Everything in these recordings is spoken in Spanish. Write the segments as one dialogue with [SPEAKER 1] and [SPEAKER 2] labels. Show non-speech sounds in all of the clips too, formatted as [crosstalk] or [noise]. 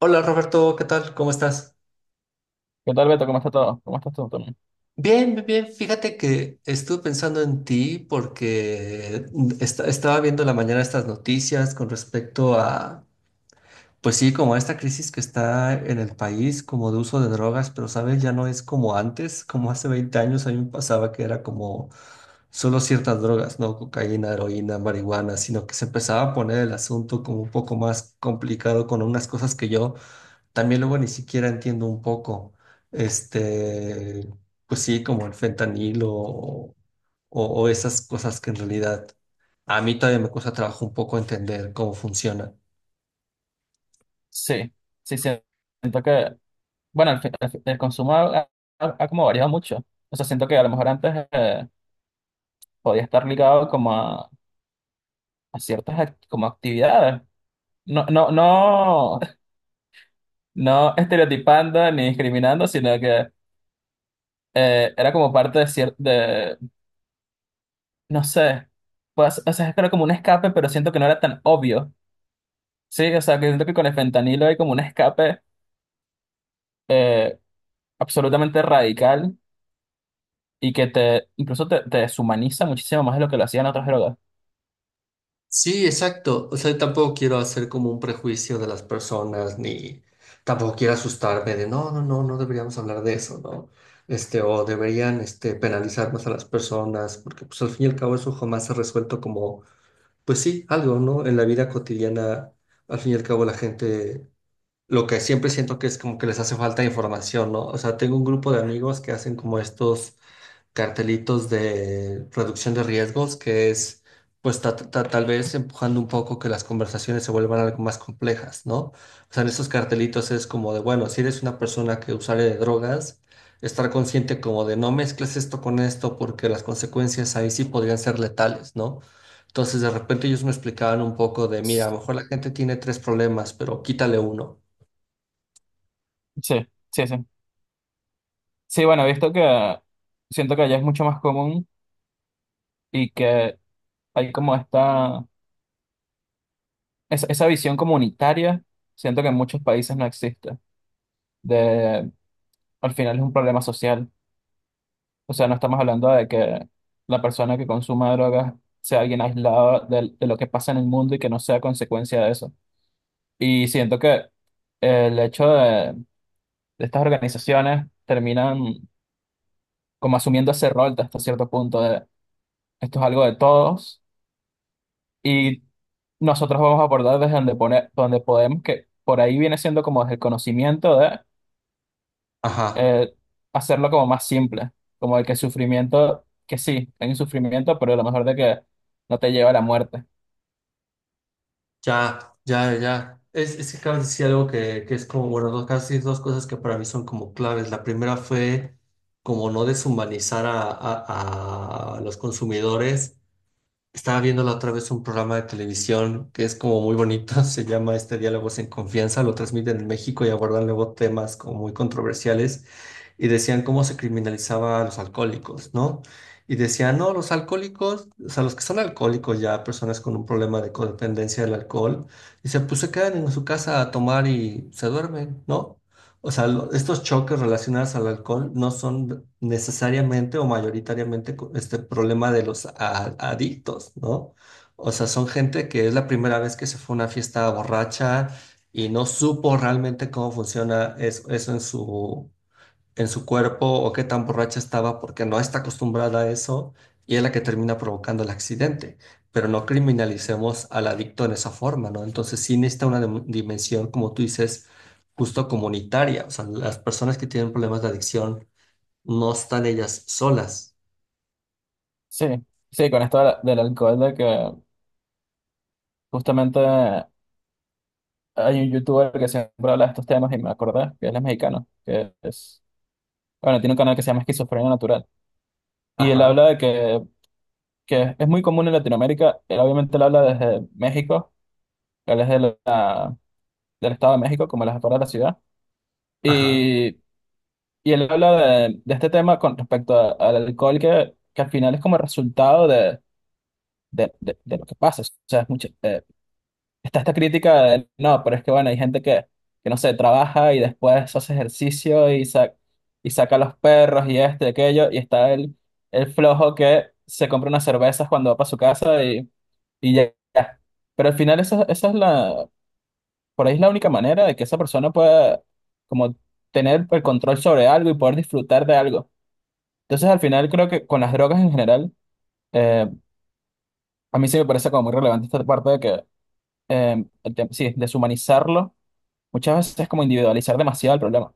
[SPEAKER 1] Hola Roberto, ¿qué tal? ¿Cómo estás?
[SPEAKER 2] ¿Qué tal, Beto? ¿Cómo está todo? ¿Cómo estás tú también?
[SPEAKER 1] Bien, bien, bien. Fíjate que estuve pensando en ti porque estaba viendo en la mañana estas noticias con respecto a, pues sí, como a esta crisis que está en el país, como de uso de drogas. Pero sabes, ya no es como antes. Como hace 20 años a mí me pasaba que era como solo ciertas drogas, no, cocaína, heroína, marihuana, sino que se empezaba a poner el asunto como un poco más complicado con unas cosas que yo también luego ni siquiera entiendo un poco, este, pues sí, como el fentanilo o esas cosas que en realidad a mí todavía me cuesta trabajo un poco entender cómo funcionan.
[SPEAKER 2] Sí, sí, siento que, bueno, el consumo ha como variado mucho. O sea, siento que a lo mejor antes podía estar ligado como a ciertas como actividades. No, no, no, [laughs] no estereotipando ni discriminando, sino que era como parte de de, no sé, pues, o sea, era como un escape, pero siento que no era tan obvio. Sí, o sea, que siento que con el fentanilo hay como un escape eh, absolutamente radical y que te incluso te deshumaniza muchísimo más de lo que lo hacían otras drogas.
[SPEAKER 1] Sí, exacto. O sea, tampoco quiero hacer como un prejuicio de las personas, ni tampoco quiero asustarme de no, no, no, no deberíamos hablar de eso, ¿no? Este, o deberían, este, penalizar más a las personas, porque pues al fin y al cabo eso jamás se ha resuelto como pues sí, algo, ¿no? En la vida cotidiana, al fin y al cabo, la gente, lo que siempre siento que es como que les hace falta información, ¿no? O sea, tengo un grupo de amigos que hacen como estos cartelitos de reducción de riesgos, que es, pues, tal vez empujando un poco que las conversaciones se vuelvan algo más complejas, ¿no? O sea, en esos cartelitos es como de, bueno, si eres una persona que usuaria de drogas, estar consciente como de no mezcles esto con esto porque las consecuencias ahí sí podrían ser letales, ¿no? Entonces, de repente ellos me explicaban un poco de, mira, a lo mejor la gente tiene 3 problemas, pero quítale uno.
[SPEAKER 2] Sí, sí, sí. Sí, bueno, he visto que siento que allá es mucho más común y que hay como esta, esa visión comunitaria, siento que en muchos países no existe. De, al final es un problema social. O sea, no estamos hablando de que la persona que consuma drogas sea alguien aislado de lo que pasa en el mundo y que no sea consecuencia de eso. Y siento que el hecho de estas organizaciones terminan como asumiendo ese rol de hasta cierto punto de esto es algo de todos y nosotros vamos a abordar desde donde pone, donde podemos, que por ahí viene siendo como desde el conocimiento de
[SPEAKER 1] Ajá,
[SPEAKER 2] eh, hacerlo como más simple, como el que el sufrimiento, que sí, hay un sufrimiento, pero a lo mejor de que no te lleva a la muerte.
[SPEAKER 1] ya, ya, ya. Es que acabas de decir algo que es como, bueno, dos, casi dos cosas que para mí son como claves. La primera fue como no deshumanizar a, a los consumidores. Estaba viendo la otra vez un programa de televisión que es como muy bonito, [laughs] se llama este Diálogos en Confianza, lo transmiten en México y abordan luego temas como muy controversiales y decían cómo se criminalizaba a los alcohólicos, ¿no? Y decían, no, los alcohólicos, o sea, los que son alcohólicos ya, personas con un problema de codependencia del alcohol, dice, pues se quedan en su casa a tomar y se duermen, ¿no? O sea, estos choques relacionados al alcohol no son necesariamente o mayoritariamente este problema de los adictos, ¿no? O sea, son gente que es la primera vez que se fue a una fiesta borracha y no supo realmente cómo funciona eso, en su cuerpo, o qué tan borracha estaba porque no está acostumbrada a eso y es la que termina provocando el accidente. Pero no criminalicemos al adicto en esa forma, ¿no? Entonces sí necesita una dimensión, como tú dices, justo comunitaria. O sea, las personas que tienen problemas de adicción no están ellas solas.
[SPEAKER 2] Sí, sí, con esto de del alcohol, de que justamente hay un youtuber que siempre habla de estos temas y me acordé que él es mexicano, que es, bueno, tiene un canal que se llama Esquizofrenia Natural. Y él
[SPEAKER 1] Ajá,
[SPEAKER 2] habla de que es muy común en Latinoamérica. Él obviamente él habla desde México, él es de la- del Estado de México, como la jefatura de la ciudad.
[SPEAKER 1] ajá.
[SPEAKER 2] Y, y él habla de este tema con respecto al alcohol, que al final es como el resultado de, de lo que pasa. O sea, es está esta crítica de, no, pero es que bueno, hay gente que no sé, trabaja y después hace ejercicio y, y saca a los perros y este aquello, y está el flojo que se compra unas cervezas cuando va para su casa. Y ya, ya. Pero al final esa, esa es la, por ahí es la única manera de que esa persona pueda como tener el control sobre algo y poder disfrutar de algo. Entonces al final creo que con las drogas en general, eh, a mí sí me parece como muy relevante esta parte de que, sí, deshumanizarlo muchas veces es como individualizar demasiado el problema.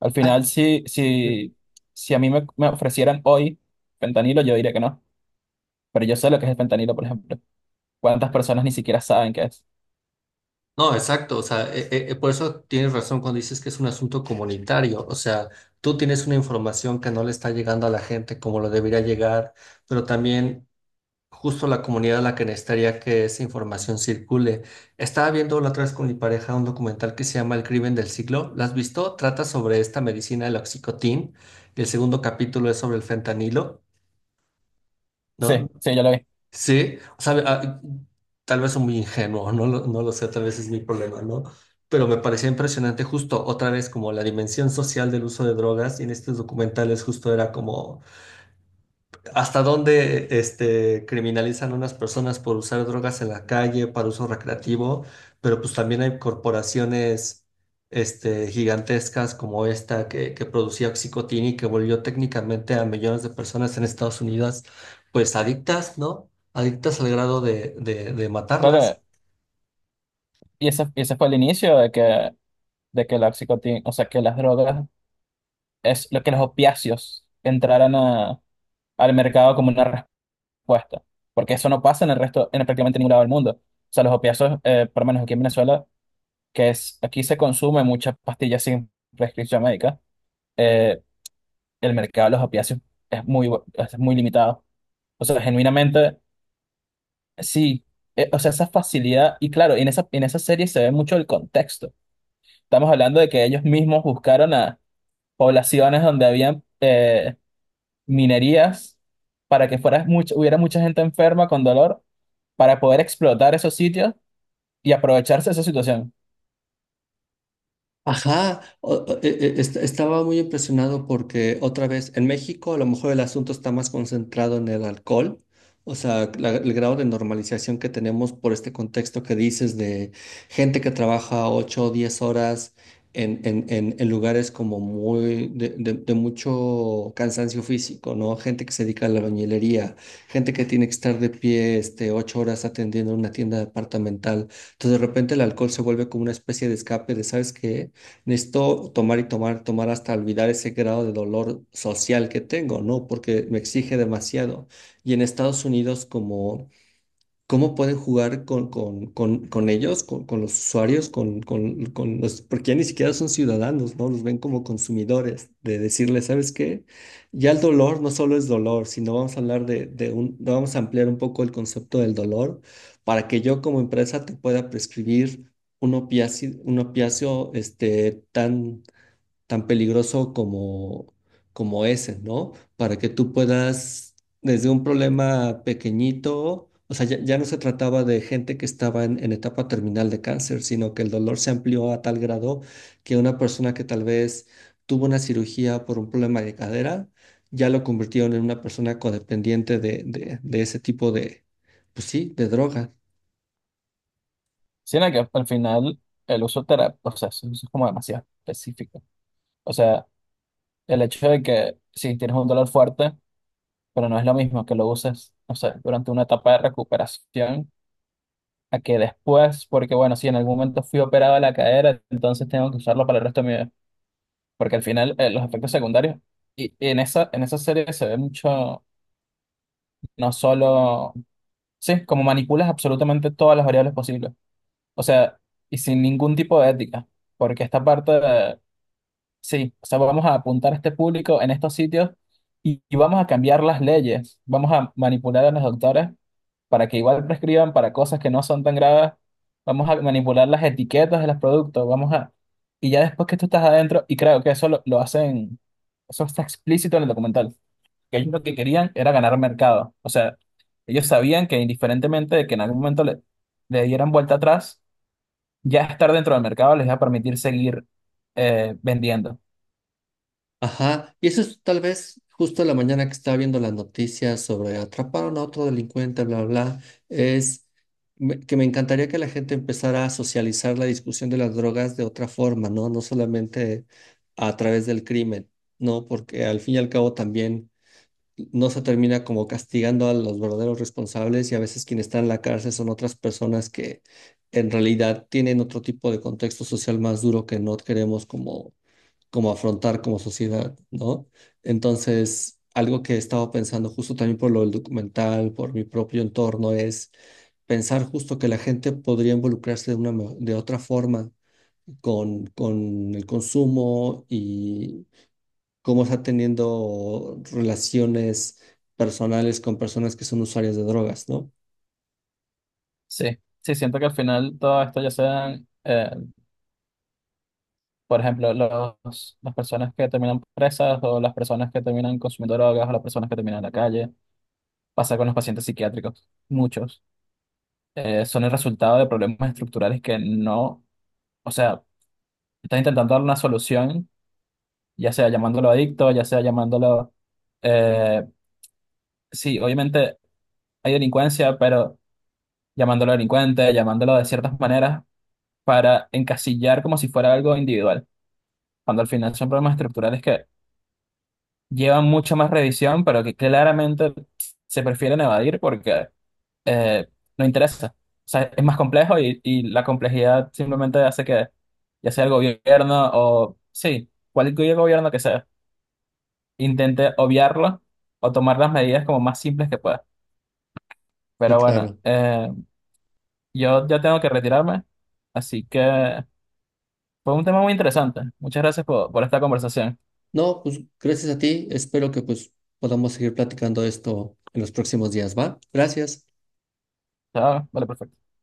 [SPEAKER 2] Al final
[SPEAKER 1] Ah,
[SPEAKER 2] si a me ofrecieran hoy fentanilo, yo diría que no. Pero yo sé lo que es el fentanilo, por ejemplo. ¿Cuántas personas ni siquiera saben qué es?
[SPEAKER 1] no, exacto, o sea, por eso tienes razón cuando dices que es un asunto comunitario. O sea, tú tienes una información que no le está llegando a la gente como lo debería llegar, pero también justo la comunidad a la que necesitaría que esa información circule. Estaba viendo la otra vez con mi pareja un documental que se llama El Crimen del Siglo, ¿lo has visto? Trata sobre esta medicina, el oxicotín, y el segundo capítulo es sobre el fentanilo, ¿no?
[SPEAKER 2] Sí, sí, yo lo vi.
[SPEAKER 1] Sí, o sea, ah, tal vez soy muy ingenuo, no lo, no lo sé, tal vez es mi problema, ¿no? Pero me parecía impresionante justo otra vez como la dimensión social del uso de drogas, y en estos documentales justo era como... ¿Hasta dónde este criminalizan a unas personas por usar drogas en la calle para uso recreativo? Pero pues también hay corporaciones este, gigantescas como esta que producía oxicotina, y que volvió técnicamente a millones de personas en Estados Unidos pues adictas, ¿no? Adictas al grado de matarlas.
[SPEAKER 2] Claro, y ese, y ese fue el inicio de que la o sea, que las drogas, es lo que los opiáceos entraran al mercado como una respuesta. Porque eso no pasa en el resto, en prácticamente ningún lado del mundo. O sea, los opiáceos, por lo menos aquí en Venezuela, que es, aquí se consume muchas pastillas sin prescripción médica, eh, el mercado de los opiáceos es es muy limitado. O sea, genuinamente, sí. O sea, esa facilidad, y claro, en esa serie se ve mucho el contexto. Estamos hablando de que ellos mismos buscaron a poblaciones donde habían minerías para que fuera hubiera mucha gente enferma con dolor para poder explotar esos sitios y aprovecharse de esa situación.
[SPEAKER 1] Ajá, estaba muy impresionado porque otra vez en México a lo mejor el asunto está más concentrado en el alcohol. O sea, el grado de normalización que tenemos por este contexto que dices de gente que trabaja 8 o 10 horas en lugares como muy de, de mucho cansancio físico, ¿no? Gente que se dedica a la albañilería, gente que tiene que estar de pie este, 8 horas atendiendo una tienda departamental. Entonces de repente el alcohol se vuelve como una especie de escape de, ¿sabes qué? Necesito tomar y tomar, tomar hasta olvidar ese grado de dolor social que tengo, ¿no? Porque me exige demasiado. Y en Estados Unidos, como cómo pueden jugar con ellos, con los usuarios, con los, porque ya ni siquiera son ciudadanos, ¿no? Los ven como consumidores, de decirles, ¿sabes qué? Ya el dolor no solo es dolor, sino vamos a hablar de un, vamos a ampliar un poco el concepto del dolor para que yo como empresa te pueda prescribir un opiáceo este, tan tan peligroso como, como ese, ¿no? Para que tú puedas, desde un problema pequeñito, o sea, ya, ya no se trataba de gente que estaba en etapa terminal de cáncer, sino que el dolor se amplió a tal grado que una persona que tal vez tuvo una cirugía por un problema de cadera, ya lo convirtieron en una persona codependiente de ese tipo de, pues sí, de droga.
[SPEAKER 2] Sino que al final el uso terapéutico, o sea, eso es como demasiado específico. O sea, el hecho de que si tienes un dolor fuerte, pero no es lo mismo que lo uses, no sé, durante una etapa de recuperación, a que después, porque bueno, si en algún momento fui operado de la cadera, entonces tengo que usarlo para el resto de mi vida. Porque al final los efectos secundarios, y en esa serie se ve mucho, no solo, sí, como manipulas absolutamente todas las variables posibles. O sea, y sin ningún tipo de ética. Porque esta parte de, sí, o sea, vamos a apuntar a este público en estos sitios y vamos a cambiar las leyes. Vamos a manipular a los doctores para que igual prescriban para cosas que no son tan graves. Vamos a manipular las etiquetas de los productos. Vamos a... Y ya después que tú estás adentro, y creo que eso lo hacen. Eso está explícito en el documental. Que ellos lo que querían era ganar mercado. O sea, ellos sabían que indiferentemente de que en algún momento le dieran vuelta atrás, ya estar dentro del mercado les iba a permitir seguir vendiendo.
[SPEAKER 1] Ajá, y eso es tal vez justo la mañana que estaba viendo las noticias sobre atraparon a otro delincuente, bla, bla, bla, es que me encantaría que la gente empezara a socializar la discusión de las drogas de otra forma, ¿no? No solamente a través del crimen, ¿no? Porque al fin y al cabo también no se termina como castigando a los verdaderos responsables, y a veces quienes están en la cárcel son otras personas que en realidad tienen otro tipo de contexto social más duro que no queremos como como afrontar como sociedad, ¿no? Entonces, algo que he estado pensando justo también por lo del documental, por mi propio entorno, es pensar justo que la gente podría involucrarse de una, de otra forma con el consumo, y cómo está teniendo relaciones personales con personas que son usuarias de drogas, ¿no?
[SPEAKER 2] Sí, sí, siento que al final todo esto ya sean, por ejemplo, las personas que terminan presas o las personas que terminan consumiendo drogas o las personas que terminan en la calle, pasa con los pacientes psiquiátricos, muchos, son el resultado de problemas estructurales que no, o sea, están intentando dar una solución ya sea llamándolo adicto, ya sea eh, sí, obviamente hay delincuencia, pero llamándolo delincuente, llamándolo de ciertas maneras para encasillar como si fuera algo individual, cuando al final son problemas estructurales que llevan mucha más revisión, pero que claramente se prefieren evadir porque eh, no interesa. O sea, es más complejo y la complejidad simplemente hace que, ya sea el gobierno o, sí, cualquier gobierno que sea intente obviarlo o tomar las medidas como más simples que pueda.
[SPEAKER 1] Y
[SPEAKER 2] Pero bueno,
[SPEAKER 1] claro.
[SPEAKER 2] yo ya tengo que retirarme, así que fue un tema muy interesante. Muchas gracias por esta conversación.
[SPEAKER 1] No, pues gracias a ti. Espero que pues podamos seguir platicando esto en los próximos días, ¿va? Gracias.
[SPEAKER 2] Chao, vale, perfecto.